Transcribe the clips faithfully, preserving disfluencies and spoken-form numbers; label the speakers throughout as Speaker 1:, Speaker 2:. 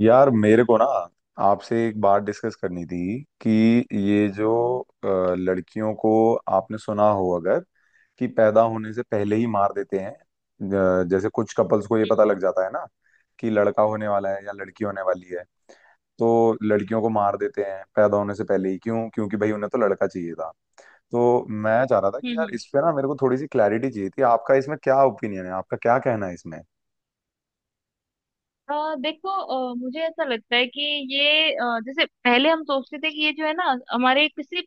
Speaker 1: यार मेरे को ना आपसे एक बात डिस्कस करनी थी कि ये जो अ, लड़कियों को आपने सुना हो अगर कि पैदा होने से पहले ही मार देते हैं अ, जैसे कुछ कपल्स को ये पता
Speaker 2: हम्म
Speaker 1: लग जाता है ना कि लड़का होने वाला है या लड़की होने वाली है। तो लड़कियों को मार देते हैं पैदा होने से पहले ही, क्यों? क्योंकि भाई उन्हें तो लड़का चाहिए था। तो मैं चाह रहा था कि यार
Speaker 2: हम्म,
Speaker 1: इस पे ना मेरे को थोड़ी सी क्लैरिटी चाहिए थी। आपका इसमें क्या ओपिनियन है, आपका क्या कहना है इसमें?
Speaker 2: अ देखो अ, मुझे ऐसा लगता है कि ये अ, जैसे पहले हम सोचते थे कि ये जो है ना हमारे किसी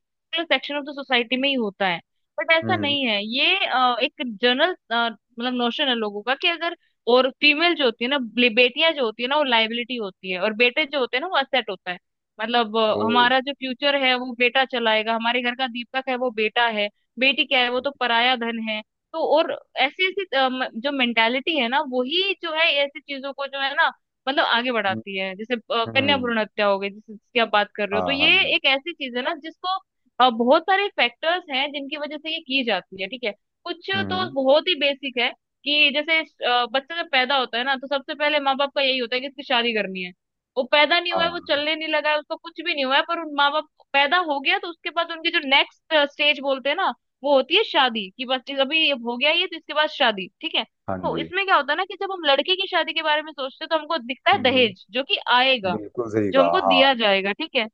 Speaker 2: सेक्शन ऑफ द सोसाइटी में ही होता है। बट ऐसा
Speaker 1: हम्म।
Speaker 2: नहीं है। ये अ, एक जनरल मतलब नोशन है लोगों का कि अगर और फीमेल जो होती है ना बे- बेटियां जो होती है ना वो लाइबिलिटी होती है, और बेटे जो होते हैं ना वो असेट होता है। मतलब अ,
Speaker 1: ओ।
Speaker 2: हमारा जो फ्यूचर है वो बेटा चलाएगा, हमारे घर का दीपक है वो बेटा है। बेटी क्या है? वो तो पराया धन है। तो और ऐसी ऐसी अ, म- जो मेंटालिटी है ना वही जो है ऐसी चीजों को जो है ना मतलब आगे
Speaker 1: हम्म।
Speaker 2: बढ़ाती है। जैसे अ, कन्या
Speaker 1: हम्म।
Speaker 2: भ्रूण हत्या हो गई जिस- जिसकी आप बात कर रहे हो, तो
Speaker 1: हाँ हाँ
Speaker 2: ये
Speaker 1: हाँ।
Speaker 2: एक ऐसी चीज है ना जिसको अ, बहुत सारे फैक्टर्स हैं जिनकी वजह से ये की जाती है, ठीक है। कुछ तो
Speaker 1: हम्म।
Speaker 2: बहुत ही बेसिक है। कि जैसे अ, बच्चा जब पैदा होता है ना तो सबसे पहले माँ बाप का यही होता है कि इसकी शादी करनी है। वो पैदा नहीं हुआ है, वो
Speaker 1: हाँ
Speaker 2: चलने नहीं लगा है, उसको कुछ भी नहीं हुआ है, पर उन माँ बाप पैदा हो गया तो उसके बाद उनकी जो नेक्स्ट स्टेज बोलते हैं ना वो होती है शादी। कि बस अभी ये हो गया, ये तो इसके बाद शादी, ठीक है।
Speaker 1: हाँ
Speaker 2: तो
Speaker 1: जी।
Speaker 2: इसमें क्या होता है ना कि जब हम लड़के की शादी के बारे में सोचते हैं तो हमको दिखता है
Speaker 1: हम्म।
Speaker 2: दहेज जो कि आएगा,
Speaker 1: बिल्कुल सही
Speaker 2: जो
Speaker 1: कहा,
Speaker 2: हमको
Speaker 1: हाँ।
Speaker 2: दिया जाएगा, ठीक है।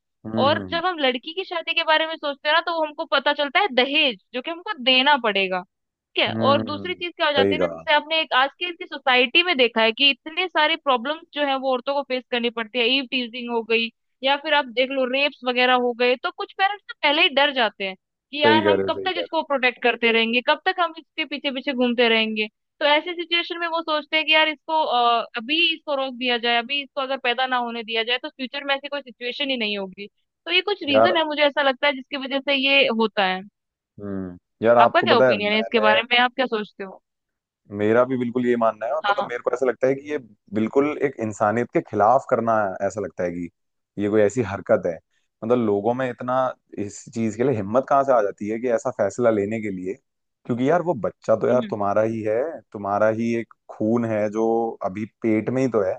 Speaker 2: और
Speaker 1: हम्म।
Speaker 2: जब हम लड़की की शादी के बारे में सोचते हैं ना तो वो हमको पता चलता है दहेज जो कि हमको देना पड़ेगा, ठीक है। और दूसरी
Speaker 1: हम्म।
Speaker 2: चीज क्या हो
Speaker 1: सही
Speaker 2: जाती है ना,
Speaker 1: कहा,
Speaker 2: जैसे आपने एक आज की इतनी सोसाइटी में देखा है कि इतने सारे प्रॉब्लम्स जो है वो औरतों को फेस करनी पड़ती है, ईव टीजिंग हो गई, या फिर आप देख लो रेप्स वगैरह हो गए। तो कुछ पेरेंट्स तो पहले ही डर जाते हैं कि
Speaker 1: सही
Speaker 2: यार
Speaker 1: कह
Speaker 2: हम
Speaker 1: रहे हो,
Speaker 2: कब
Speaker 1: सही
Speaker 2: तक
Speaker 1: कह रहे
Speaker 2: इसको प्रोटेक्ट करते रहेंगे, कब तक हम इसके पीछे पीछे घूमते रहेंगे। तो ऐसी सिचुएशन में वो सोचते हैं कि यार इसको अ, अभी इसको रोक दिया जाए, अभी इसको अगर पैदा ना होने दिया जाए तो फ्यूचर में ऐसी कोई सिचुएशन ही नहीं होगी। तो ये कुछ
Speaker 1: हो यार।
Speaker 2: रीजन है मुझे ऐसा लगता है जिसकी वजह से ये होता है।
Speaker 1: हम्म। यार
Speaker 2: आपका
Speaker 1: आपको
Speaker 2: क्या
Speaker 1: पता है,
Speaker 2: ओपिनियन है इसके
Speaker 1: मैंने
Speaker 2: बारे में? आप क्या सोचते हो?
Speaker 1: मेरा भी बिल्कुल ये मानना है। और
Speaker 2: हाँ
Speaker 1: मतलब
Speaker 2: हाँ।
Speaker 1: मेरे को ऐसा लगता है कि ये बिल्कुल एक इंसानियत के खिलाफ करना। ऐसा लगता है कि ये कोई ऐसी हरकत है, मतलब लोगों में इतना इस चीज के लिए हिम्मत कहाँ से आ जाती है कि ऐसा फैसला लेने के लिए? क्योंकि यार वो बच्चा तो यार
Speaker 2: हम्म
Speaker 1: तुम्हारा ही है, तुम्हारा ही एक खून है जो अभी पेट में ही तो है।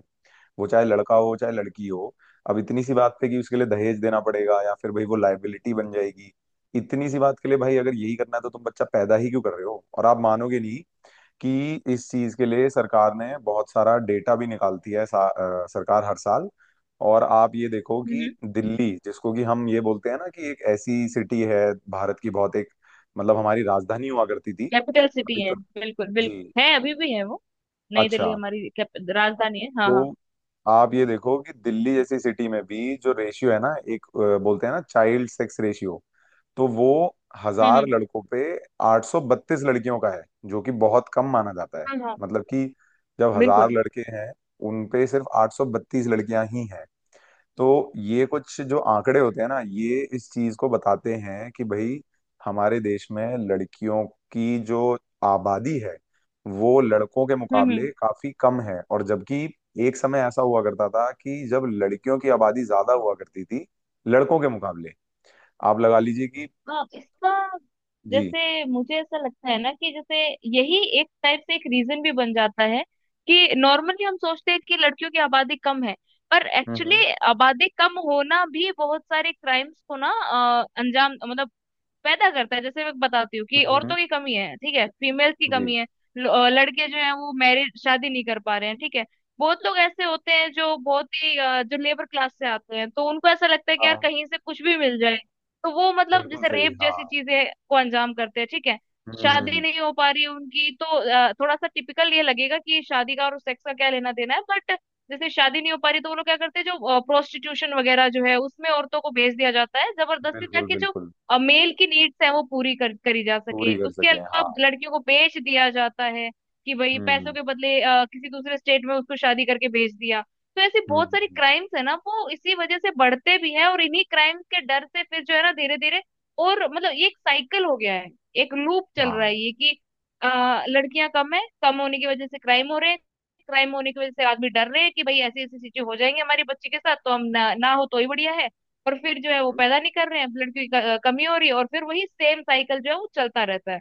Speaker 1: वो चाहे लड़का हो चाहे लड़की हो, अब इतनी सी बात पे कि उसके लिए दहेज देना पड़ेगा या फिर भाई वो लायबिलिटी बन जाएगी, इतनी सी बात के लिए भाई अगर यही करना है तो तुम बच्चा पैदा ही क्यों कर रहे हो? और आप मानोगे नहीं कि इस चीज के लिए सरकार ने बहुत सारा डेटा भी निकालती है सा, अ, सरकार हर साल। और आप ये देखो कि
Speaker 2: हम्म।
Speaker 1: दिल्ली, जिसको कि हम ये बोलते हैं ना कि एक ऐसी सिटी है, भारत की बहुत एक मतलब हमारी राजधानी हुआ करती थी
Speaker 2: कैपिटल सिटी
Speaker 1: अभी
Speaker 2: है,
Speaker 1: तो।
Speaker 2: बिल्कुल
Speaker 1: जी।
Speaker 2: बिल्कुल है, अभी भी है वो। नई दिल्ली
Speaker 1: अच्छा।
Speaker 2: हमारी कैप- राजधानी है, हाँ हाँ।
Speaker 1: तो आप ये देखो कि दिल्ली जैसी सिटी में भी जो रेशियो है ना एक अ, बोलते हैं ना चाइल्ड सेक्स रेशियो, तो वो
Speaker 2: हम्म
Speaker 1: हजार
Speaker 2: हम्म।
Speaker 1: लड़कों पे आठ सौ बत्तीस लड़कियों का है, जो कि बहुत कम माना जाता है।
Speaker 2: हाँ हाँ,
Speaker 1: मतलब कि जब हजार
Speaker 2: बिल्कुल।
Speaker 1: लड़के हैं, उन पे सिर्फ आठ सौ बत्तीस लड़कियां ही हैं। तो ये कुछ जो आंकड़े होते हैं ना, ये इस चीज को बताते हैं कि भाई हमारे देश में लड़कियों की जो आबादी है वो लड़कों के
Speaker 2: हम्म
Speaker 1: मुकाबले
Speaker 2: हम्म।
Speaker 1: काफी कम है। और जबकि एक समय ऐसा हुआ करता था कि जब लड़कियों की आबादी ज्यादा हुआ करती थी लड़कों के मुकाबले। आप लगा लीजिए कि
Speaker 2: हाँ, इसका
Speaker 1: जी।
Speaker 2: जैसे मुझे ऐसा लगता है ना कि जैसे यही एक टाइप से एक रीजन भी बन जाता है। कि नॉर्मली हम सोचते हैं कि लड़कियों की आबादी कम है, पर
Speaker 1: हम्म
Speaker 2: एक्चुअली
Speaker 1: हम्म
Speaker 2: आबादी कम होना भी बहुत सारे क्राइम्स को ना अ, अंजाम मतलब पैदा करता है। जैसे मैं बताती हूँ कि
Speaker 1: हम्म, हम्म,
Speaker 2: औरतों की कमी है, ठीक है, फीमेल्स की
Speaker 1: जी।
Speaker 2: कमी है। ल- अ, लड़के जो हैं वो मैरिज शादी नहीं कर पा रहे हैं, ठीक है। बहुत लोग ऐसे होते हैं जो बहुत ही अ, जो लेबर क्लास से आते हैं, तो उनको ऐसा लगता है कि यार
Speaker 1: हाँ
Speaker 2: कहीं से कुछ भी मिल जाए। तो वो मतलब
Speaker 1: बिल्कुल
Speaker 2: जैसे
Speaker 1: सही,
Speaker 2: रेप
Speaker 1: हाँ।
Speaker 2: जैसी चीजें को अंजाम करते हैं, ठीक है।
Speaker 1: हम्म हम्म,
Speaker 2: शादी
Speaker 1: हम्म,
Speaker 2: नहीं हो पा रही है उनकी, तो अ, थोड़ा सा टिपिकल ये लगेगा कि शादी का और सेक्स का क्या लेना देना है, बट जैसे शादी नहीं हो पा रही तो वो लोग क्या करते हैं, जो प्रोस्टिट्यूशन वगैरह जो है उसमें औरतों को भेज दिया जाता है जबरदस्ती,
Speaker 1: बिल्कुल
Speaker 2: ताकि जो
Speaker 1: बिल्कुल।
Speaker 2: और मेल की नीड्स है वो पूरी कर, करी जा
Speaker 1: पूरी
Speaker 2: सके।
Speaker 1: कर
Speaker 2: उसके
Speaker 1: सके,
Speaker 2: अलावा
Speaker 1: हाँ।
Speaker 2: अब लड़कियों को बेच दिया जाता है, कि भाई पैसों
Speaker 1: हम्म
Speaker 2: के बदले अ, किसी दूसरे स्टेट में उसको शादी करके भेज दिया। तो ऐसी
Speaker 1: हम्म
Speaker 2: बहुत
Speaker 1: हम्म,
Speaker 2: सारी
Speaker 1: हम्म,
Speaker 2: क्राइम्स है ना वो इसी वजह से बढ़ते भी हैं, और इन्हीं क्राइम्स के डर से फिर जो है ना धीरे धीरे और मतलब ये एक साइकिल हो गया है, एक लूप चल रहा
Speaker 1: हाँ।
Speaker 2: है ये कि आ, लड़कियां कम है, कम होने की वजह से क्राइम हो रहे हैं, क्राइम होने की वजह से आदमी डर रहे हैं कि भाई ऐसी ऐसी चीजें हो जाएंगी हमारी बच्ची के साथ, तो हम ना, ना हो तो ही बढ़िया है। और फिर जो है वो पैदा नहीं कर रहे हैं, ब्लड की क- कमी हो रही है, और फिर वही सेम साइकिल जो है वो चलता रहता है।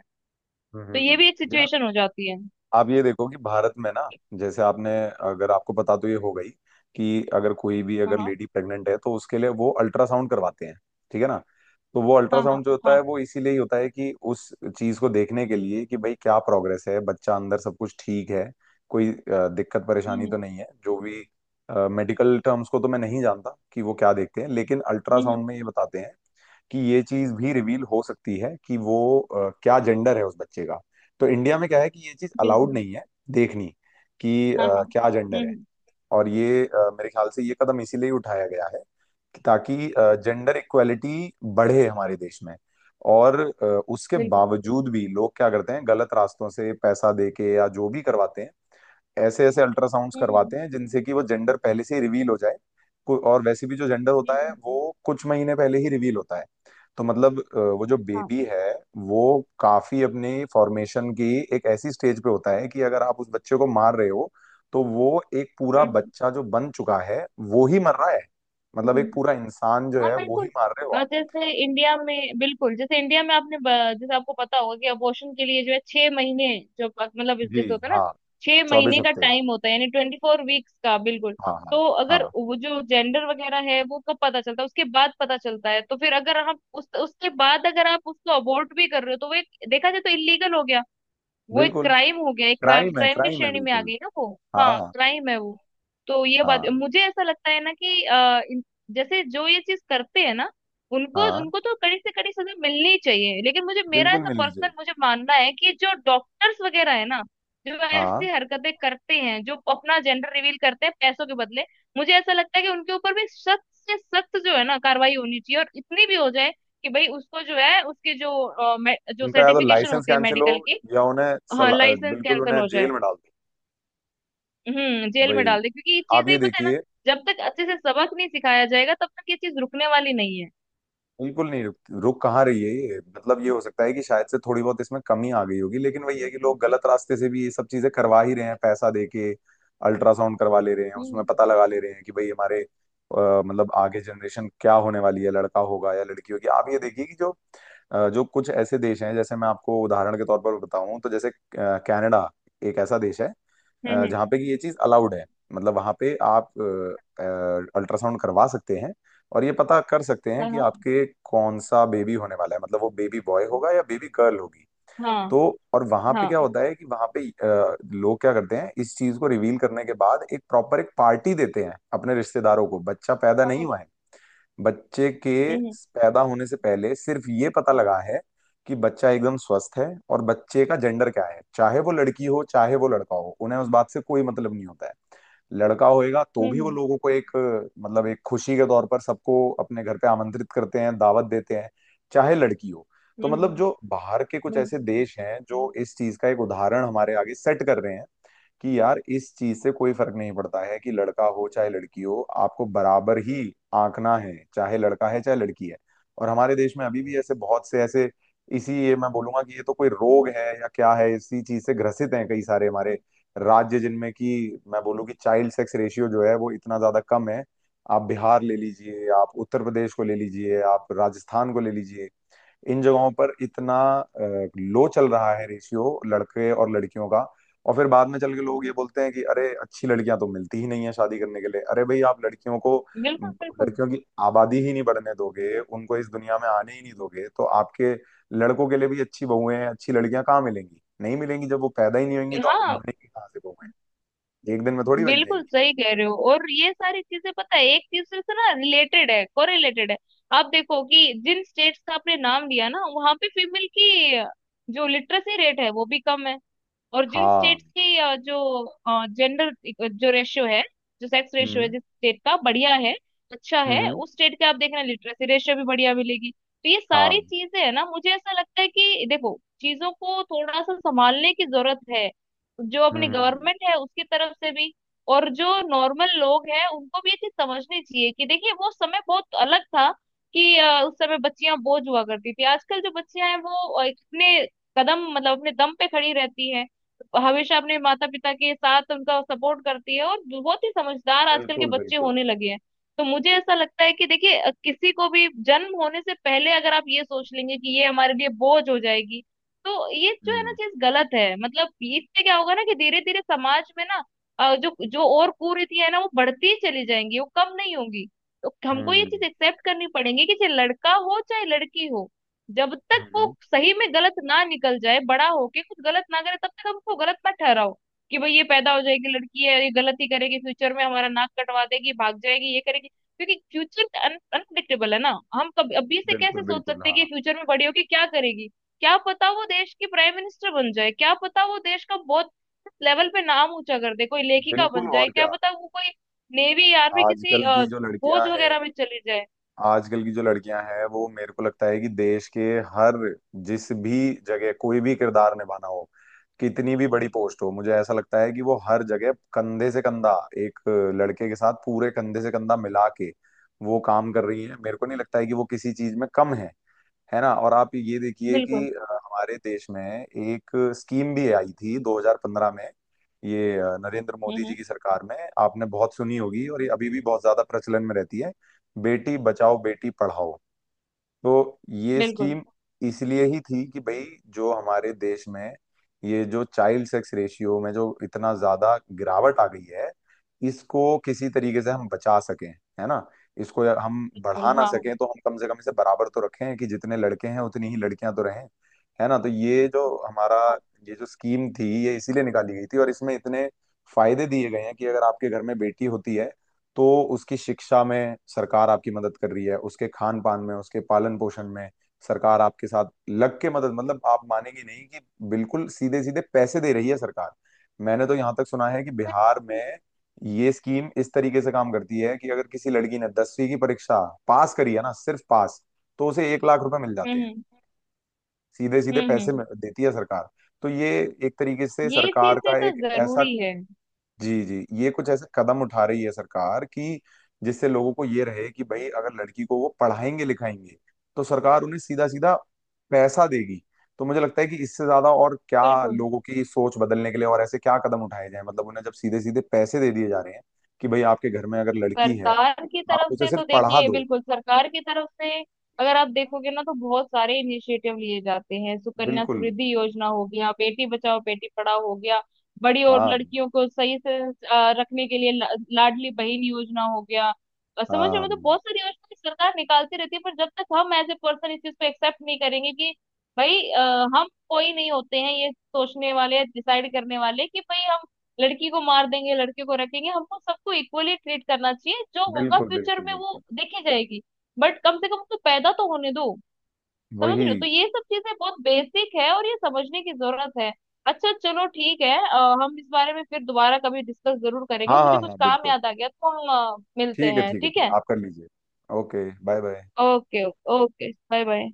Speaker 1: हम्म,
Speaker 2: तो ये
Speaker 1: हम्म,
Speaker 2: भी एक
Speaker 1: हम्म।
Speaker 2: सिचुएशन हो जाती है।
Speaker 1: आप ये देखो कि भारत में ना, जैसे आपने, अगर आपको पता, तो ये हो गई कि अगर कोई भी
Speaker 2: हाँ
Speaker 1: अगर
Speaker 2: हाँ
Speaker 1: लेडी प्रेग्नेंट है तो उसके लिए वो अल्ट्रासाउंड करवाते हैं, ठीक है ना। तो वो
Speaker 2: हाँ हाँ
Speaker 1: अल्ट्रासाउंड जो होता है
Speaker 2: हाँ।
Speaker 1: वो इसीलिए ही होता है कि उस चीज को देखने के लिए कि भाई क्या प्रोग्रेस है, बच्चा अंदर सब कुछ ठीक है, कोई अ, दिक्कत परेशानी
Speaker 2: हम्म
Speaker 1: तो नहीं है। जो भी मेडिकल टर्म्स को तो मैं नहीं जानता कि वो क्या देखते हैं, लेकिन
Speaker 2: हम्म हम्म,
Speaker 1: अल्ट्रासाउंड में ये बताते हैं कि ये चीज भी रिवील हो सकती है कि वो अ, क्या जेंडर है उस बच्चे का। तो इंडिया में क्या है कि ये चीज अलाउड
Speaker 2: बिल्कुल।
Speaker 1: नहीं है देखनी कि
Speaker 2: हाँ हाँ।
Speaker 1: अ, क्या
Speaker 2: हम्म
Speaker 1: जेंडर है।
Speaker 2: हम्म,
Speaker 1: और ये अ, मेरे ख्याल से ये कदम इसीलिए उठाया गया है कि ताकि जेंडर इक्वेलिटी बढ़े हमारे देश में। और अ, उसके
Speaker 2: बिल्कुल।
Speaker 1: बावजूद भी लोग क्या करते हैं, गलत रास्तों से पैसा दे के या जो भी करवाते हैं, ऐसे ऐसे अल्ट्रासाउंड्स
Speaker 2: हम्म
Speaker 1: करवाते हैं जिनसे कि वो जेंडर पहले से ही रिवील हो जाए। को- और वैसे भी जो जेंडर
Speaker 2: हम्म
Speaker 1: होता है
Speaker 2: हम्म,
Speaker 1: वो कुछ महीने पहले ही रिवील होता है। तो मतलब अ, वो जो
Speaker 2: हाँ।
Speaker 1: बेबी है, वो काफी अपनी फॉर्मेशन की एक ऐसी स्टेज पे होता है कि अगर आप उस बच्चे को मार रहे हो तो वो एक पूरा
Speaker 2: हम्म हम्म।
Speaker 1: बच्चा जो बन चुका है वो ही मर रहा है। मतलब एक
Speaker 2: हम्म।
Speaker 1: पूरा इंसान जो
Speaker 2: हाँ,
Speaker 1: है वो ही
Speaker 2: बिल्कुल।
Speaker 1: मार रहे हो
Speaker 2: और
Speaker 1: आप।
Speaker 2: जैसे इंडिया में, बिल्कुल, जैसे इंडिया में आपने ब- जैसे आपको पता होगा कि अबॉर्शन के लिए जो है छह महीने, जो प- मतलब
Speaker 1: जी।
Speaker 2: जैसे होता है ना
Speaker 1: हाँ।
Speaker 2: छह
Speaker 1: चौबीस
Speaker 2: महीने का
Speaker 1: हफ्ते
Speaker 2: टाइम होता है, यानी ट्वेंटी फोर वीक्स का, बिल्कुल।
Speaker 1: हाँ हाँ।
Speaker 2: तो अगर
Speaker 1: हाँ
Speaker 2: वो जो जेंडर वगैरह है वो कब पता चलता है, उसके बाद पता चलता है, तो फिर अगर हम उस उसके बाद अगर आप उसको अबॉर्ट भी कर रहे हो, तो वो एक देखा जाए तो इलीगल हो गया। वो एक
Speaker 1: बिल्कुल।
Speaker 2: क्राइम हो गया, एक क्राइम
Speaker 1: क्राइम है,
Speaker 2: क्राइम की
Speaker 1: क्राइम है,
Speaker 2: श्रेणी में आ
Speaker 1: बिल्कुल,
Speaker 2: गई ना वो। हाँ,
Speaker 1: हाँ।
Speaker 2: क्राइम है वो। तो ये बात
Speaker 1: हाँ।
Speaker 2: मुझे ऐसा लगता है ना कि अ, इन- जैसे जो ये चीज करते हैं ना, उनको
Speaker 1: हाँ।
Speaker 2: उनको तो कड़ी से कड़ी सजा मिलनी ही चाहिए, लेकिन मुझे मेरा
Speaker 1: बिल्कुल
Speaker 2: ऐसा
Speaker 1: मिलनी चाहिए।
Speaker 2: पर्सनल मुझे मानना है कि जो डॉक्टर्स वगैरह है ना जो
Speaker 1: हाँ।
Speaker 2: ऐसी हरकतें करते हैं, जो अपना जेंडर रिवील करते हैं पैसों के बदले, मुझे ऐसा लगता है कि उनके ऊपर भी सख्त से सख्त जो है ना कार्रवाई होनी चाहिए, और इतनी भी हो जाए कि भाई उसको जो है उसके जो अ, मे- जो
Speaker 1: उनका या तो
Speaker 2: सर्टिफिकेशन
Speaker 1: लाइसेंस
Speaker 2: होती है
Speaker 1: कैंसिल हो
Speaker 2: मेडिकल की,
Speaker 1: या उन्हें
Speaker 2: हाँ,
Speaker 1: सला,
Speaker 2: लाइसेंस
Speaker 1: बिल्कुल
Speaker 2: कैंसिल
Speaker 1: उन्हें
Speaker 2: हो जाए।
Speaker 1: जेल में डाल दो।
Speaker 2: हम्म, जेल में
Speaker 1: भाई
Speaker 2: डाल दे, क्योंकि ये
Speaker 1: आप
Speaker 2: चीजें
Speaker 1: ये
Speaker 2: ही पता है ना
Speaker 1: देखिए,
Speaker 2: जब तक अच्छे से सबक नहीं सिखाया जाएगा तब तक ये चीज रुकने वाली नहीं है।
Speaker 1: बिल्कुल नहीं रुक, रुक कहाँ रही है ये? मतलब ये हो सकता है कि शायद से थोड़ी बहुत इसमें कमी आ गई होगी, लेकिन वही है कि लोग गलत रास्ते से भी ये सब चीजें करवा ही रहे हैं पैसा दे के। अल्ट्रासाउंड करवा ले रहे हैं, उसमें
Speaker 2: हम्म
Speaker 1: पता लगा ले रहे हैं कि भाई हमारे अ, मतलब आगे जनरेशन क्या होने वाली है, लड़का होगा या लड़की होगी। आप ये देखिए कि जो अ, जो कुछ ऐसे देश हैं, जैसे मैं आपको उदाहरण के तौर पर बताऊं तो जैसे अ, कनाडा एक ऐसा देश है अ,
Speaker 2: हम्म।
Speaker 1: जहाँ पे कि ये चीज अलाउड है। मतलब वहां पे आप अल्ट्रासाउंड करवा सकते हैं और ये पता कर सकते हैं
Speaker 2: हाँ
Speaker 1: कि
Speaker 2: हाँ
Speaker 1: आपके कौन सा बेबी होने वाला है, मतलब वो बेबी बॉय होगा या बेबी गर्ल होगी। तो
Speaker 2: हाँ
Speaker 1: और वहां पे
Speaker 2: हाँ
Speaker 1: क्या होता है कि वहां पे अ, लोग क्या करते हैं, इस चीज को रिवील करने के बाद एक प्रॉपर एक पार्टी देते हैं अपने रिश्तेदारों को। बच्चा पैदा नहीं
Speaker 2: हाँ,
Speaker 1: हुआ है, बच्चे के
Speaker 2: हम्म
Speaker 1: पैदा होने से पहले सिर्फ ये पता लगा है कि बच्चा एकदम स्वस्थ है और बच्चे का जेंडर क्या है। चाहे वो लड़की हो चाहे वो लड़का हो, उन्हें उस बात से कोई मतलब नहीं होता है। लड़का होएगा तो भी वो
Speaker 2: हम्म
Speaker 1: लोगों को एक मतलब एक खुशी के तौर पर सबको अपने घर पे आमंत्रित करते हैं, दावत देते हैं, चाहे लड़की हो।
Speaker 2: हम्म
Speaker 1: तो मतलब
Speaker 2: हम्म,
Speaker 1: जो बाहर के कुछ ऐसे
Speaker 2: बिल्कुल
Speaker 1: देश हैं जो इस चीज का एक उदाहरण हमारे आगे सेट कर रहे हैं कि यार इस चीज से कोई फर्क नहीं पड़ता है कि लड़का हो चाहे लड़की हो, आपको बराबर ही आंकना है, चाहे लड़का है चाहे लड़की है। और हमारे देश में अभी भी ऐसे बहुत से ऐसे इसी, ये मैं बोलूंगा कि ये तो कोई रोग है या क्या है, इसी चीज से ग्रसित हैं कई सारे हमारे राज्य, जिनमें कि मैं बोलूँ कि चाइल्ड सेक्स रेशियो जो है वो इतना ज्यादा कम है। आप बिहार ले लीजिए, आप उत्तर प्रदेश को ले लीजिए, आप राजस्थान को ले लीजिए, इन जगहों पर इतना लो चल रहा है रेशियो लड़के और लड़कियों का। और फिर बाद में चल के लोग ये बोलते हैं कि अरे अच्छी लड़कियां तो मिलती ही नहीं है शादी करने के लिए। अरे भाई आप लड़कियों को,
Speaker 2: बिल्कुल।
Speaker 1: लड़कियों की आबादी ही नहीं बढ़ने दोगे, उनको इस दुनिया में आने ही नहीं दोगे, तो आपके लड़कों के लिए भी अच्छी बहुएं हैं, अच्छी लड़कियां कहाँ मिलेंगी? नहीं मिलेंगी जब वो पैदा ही नहीं होंगी। तो
Speaker 2: हाँ,
Speaker 1: बनेंगी कहाँ से बहुएं, एक दिन में थोड़ी बन
Speaker 2: बिल्कुल
Speaker 1: जाएंगी।
Speaker 2: सही कह रहे हो। और ये सारी चीजें पता है एक दूसरे से ना रिलेटेड है, कोरिलेटेड है। आप देखो कि जिन स्टेट्स का आपने नाम लिया ना वहां पे फीमेल की जो लिटरेसी रेट है वो भी कम है, और जिन
Speaker 1: हाँ।
Speaker 2: स्टेट्स की अ, जो जेंडर जो रेशियो है, जो सेक्स रेशियो है,
Speaker 1: हम्म
Speaker 2: जिस स्टेट का बढ़िया है, अच्छा है,
Speaker 1: हम्म।
Speaker 2: उस स्टेट के आप देखना लिटरेसी रेशियो भी बढ़िया मिलेगी। तो ये सारी
Speaker 1: हाँ।
Speaker 2: चीजें है ना, मुझे ऐसा लगता है कि देखो चीजों को थोड़ा सा संभालने की जरूरत है, जो
Speaker 1: हम्म
Speaker 2: अपनी
Speaker 1: हम्म, हम्म।
Speaker 2: गवर्नमेंट है उसकी तरफ से भी। और जो नॉर्मल लोग हैं उनको भी ये चीज समझनी चाहिए कि देखिए वो समय बहुत अलग था, कि अ, उस समय बच्चियां बोझ हुआ करती थी। आजकल जो बच्चियां हैं वो अ, अपने कदम मतलब अपने दम पे खड़ी रहती हैं, हमेशा अपने माता पिता के साथ उनका सपोर्ट करती है, और बहुत ही समझदार आजकल के
Speaker 1: बिल्कुल
Speaker 2: बच्चे
Speaker 1: बिल्कुल।
Speaker 2: होने लगे हैं। तो मुझे ऐसा लगता है कि देखिए अ, किसी को भी जन्म होने से पहले अगर आप ये सोच लेंगे कि ये हमारे लिए बोझ हो जाएगी, तो ये जो है ना
Speaker 1: हम्म
Speaker 2: चीज गलत है। मतलब इससे क्या होगा ना कि धीरे धीरे समाज में ना अ, जो जो और कुरीतियां है ना वो बढ़ती ही चली जाएंगी, वो कम नहीं होंगी। तो हमको ये
Speaker 1: हम्म
Speaker 2: चीज एक्सेप्ट करनी पड़ेगी कि चाहे लड़का हो चाहे लड़की हो, जब तक वो
Speaker 1: हम्म।
Speaker 2: सही में गलत ना निकल जाए, बड़ा होके कुछ गलत ना करे, तब तक हम उसको गलत मत ठहराओ कि भाई ये पैदा हो जाएगी, लड़की है ये गलत ही करेगी, फ्यूचर में हमारा नाक कटवा देगी, भाग जाएगी, ये करेगी। क्योंकि फ्यूचर अनप्रिडिक्टेबल है ना, हम कभी अभी से
Speaker 1: बिल्कुल
Speaker 2: कैसे सोच
Speaker 1: बिल्कुल
Speaker 2: सकते हैं कि
Speaker 1: हाँ।
Speaker 2: फ्यूचर में बड़ी होके क्या करेगी। क्या पता वो देश की प्राइम मिनिस्टर बन जाए, क्या पता वो देश का बहुत लेवल पे नाम ऊंचा कर दे, कोई लेखिका
Speaker 1: बिल्कुल,
Speaker 2: बन जाए,
Speaker 1: और
Speaker 2: क्या
Speaker 1: क्या।
Speaker 2: पता वो कोई नेवी आर्मी किसी
Speaker 1: आजकल
Speaker 2: अ,
Speaker 1: की जो लड़कियां
Speaker 2: फौज
Speaker 1: हैं,
Speaker 2: वगैरह में चली जाए।
Speaker 1: आजकल की जो लड़कियां हैं वो मेरे को लगता है कि देश के हर, जिस भी जगह कोई भी किरदार निभाना हो, कितनी भी बड़ी पोस्ट हो, मुझे ऐसा लगता है कि वो हर जगह कंधे से कंधा, एक लड़के के साथ पूरे कंधे से कंधा मिला के वो काम कर रही है। मेरे को नहीं लगता है कि वो किसी चीज में कम है है ना। और आप ये देखिए
Speaker 2: बिल्कुल।
Speaker 1: कि अ, हमारे देश में एक स्कीम भी आई थी दो हज़ार पंद्रह में। ये अ, नरेंद्र
Speaker 2: हम्म
Speaker 1: मोदी जी
Speaker 2: हम्म,
Speaker 1: की सरकार में, आपने बहुत सुनी होगी और ये अभी भी बहुत ज्यादा प्रचलन में रहती है, बेटी बचाओ बेटी पढ़ाओ। तो ये
Speaker 2: बिल्कुल
Speaker 1: स्कीम इसलिए ही थी कि भाई जो हमारे देश में ये जो चाइल्ड सेक्स रेशियो में जो इतना ज्यादा गिरावट आ गई है, इसको किसी तरीके से हम बचा सकें, है ना। इसको या- हम बढ़ा
Speaker 2: बिल्कुल।
Speaker 1: ना
Speaker 2: हाँ हाँ हाँ।
Speaker 1: सकें तो हम कम से कम इसे बराबर तो रखें कि जितने लड़के हैं उतनी ही लड़कियां तो रहें, है ना। तो ये जो हमारा, ये जो स्कीम थी, ये इसीलिए निकाली गई थी और इसमें इतने फायदे दिए गए हैं कि अगर आपके घर में बेटी होती है तो उसकी शिक्षा में सरकार आपकी मदद कर रही है, उसके खान पान में, उसके पालन पोषण में सरकार आपके साथ लग के मदद, मतलब आप मानेंगे नहीं कि बिल्कुल सीधे सीधे पैसे दे रही है सरकार। मैंने तो यहाँ तक सुना है कि बिहार में ये स्कीम इस तरीके से काम करती है कि अगर किसी लड़की ने दसवीं की परीक्षा पास करी है, ना सिर्फ पास, तो उसे एक लाख रुपए मिल जाते
Speaker 2: हम्म
Speaker 1: हैं।
Speaker 2: हम्म
Speaker 1: सीधे सीधे
Speaker 2: हम्म हम्म,
Speaker 1: पैसे
Speaker 2: हम्म।
Speaker 1: मिल- देती है सरकार। तो ये एक तरीके से
Speaker 2: ये
Speaker 1: सरकार
Speaker 2: चीजें
Speaker 1: का
Speaker 2: तो
Speaker 1: एक ऐसा,
Speaker 2: जरूरी है।
Speaker 1: जी जी, ये कुछ ऐसे कदम उठा रही है सरकार कि जिससे लोगों को ये रहे कि भाई अगर लड़की को वो पढ़ाएंगे लिखाएंगे तो सरकार उन्हें सीधा सीधा पैसा देगी। तो मुझे लगता है कि इससे ज्यादा और क्या
Speaker 2: बिल्कुल
Speaker 1: लोगों की सोच बदलने के लिए और ऐसे क्या कदम उठाए जाएं, मतलब उन्हें जब सीधे सीधे पैसे दे दिए जा रहे हैं कि भाई आपके घर में अगर लड़की है,
Speaker 2: सरकार की
Speaker 1: आप
Speaker 2: तरफ
Speaker 1: उसे
Speaker 2: से
Speaker 1: सिर्फ
Speaker 2: तो
Speaker 1: पढ़ा
Speaker 2: देखिए,
Speaker 1: दो।
Speaker 2: बिल्कुल सरकार की तरफ से, अगर आप देखोगे ना तो बहुत सारे इनिशिएटिव लिए जाते हैं, सुकन्या
Speaker 1: बिल्कुल।
Speaker 2: समृद्धि योजना हो गया, बेटी बचाओ बेटी पढ़ाओ हो गया, बड़ी और
Speaker 1: हाँ
Speaker 2: लड़कियों को सही से अ, रखने के लिए ला- लाडली बहन योजना हो गया। अ, समझ रहे हो?
Speaker 1: हाँ।
Speaker 2: मतलब बहुत सारी योजना सरकार निकालती रहती है, पर जब तक हम एज ए पर्सन इस चीज को एक्सेप्ट नहीं करेंगे कि भाई अ, हम कोई नहीं होते हैं ये सोचने वाले डिसाइड करने वाले कि भाई हम लड़की को मार देंगे लड़के को रखेंगे। हमको सबको इक्वली ट्रीट करना चाहिए, जो होगा
Speaker 1: बिल्कुल
Speaker 2: फ्यूचर
Speaker 1: बिल्कुल
Speaker 2: में वो
Speaker 1: बिल्कुल।
Speaker 2: देखी जाएगी, बट कम से कम उसको पैदा तो होने दो। समझ रहे
Speaker 1: वही।
Speaker 2: हो? तो ये सब चीजें बहुत बेसिक है और ये समझने की जरूरत है। अच्छा चलो ठीक है, अ, हम इस बारे में फिर दोबारा कभी डिस्कस जरूर करेंगे,
Speaker 1: हाँ
Speaker 2: मुझे
Speaker 1: हाँ
Speaker 2: कुछ
Speaker 1: हाँ
Speaker 2: काम
Speaker 1: बिल्कुल।
Speaker 2: याद आ गया तो हम अ, मिलते
Speaker 1: ठीक है,
Speaker 2: हैं,
Speaker 1: ठीक है,
Speaker 2: ठीक
Speaker 1: ठीक है,
Speaker 2: है?
Speaker 1: आप कर लीजिए। Okay, bye bye.
Speaker 2: Okay. Okay, bye bye.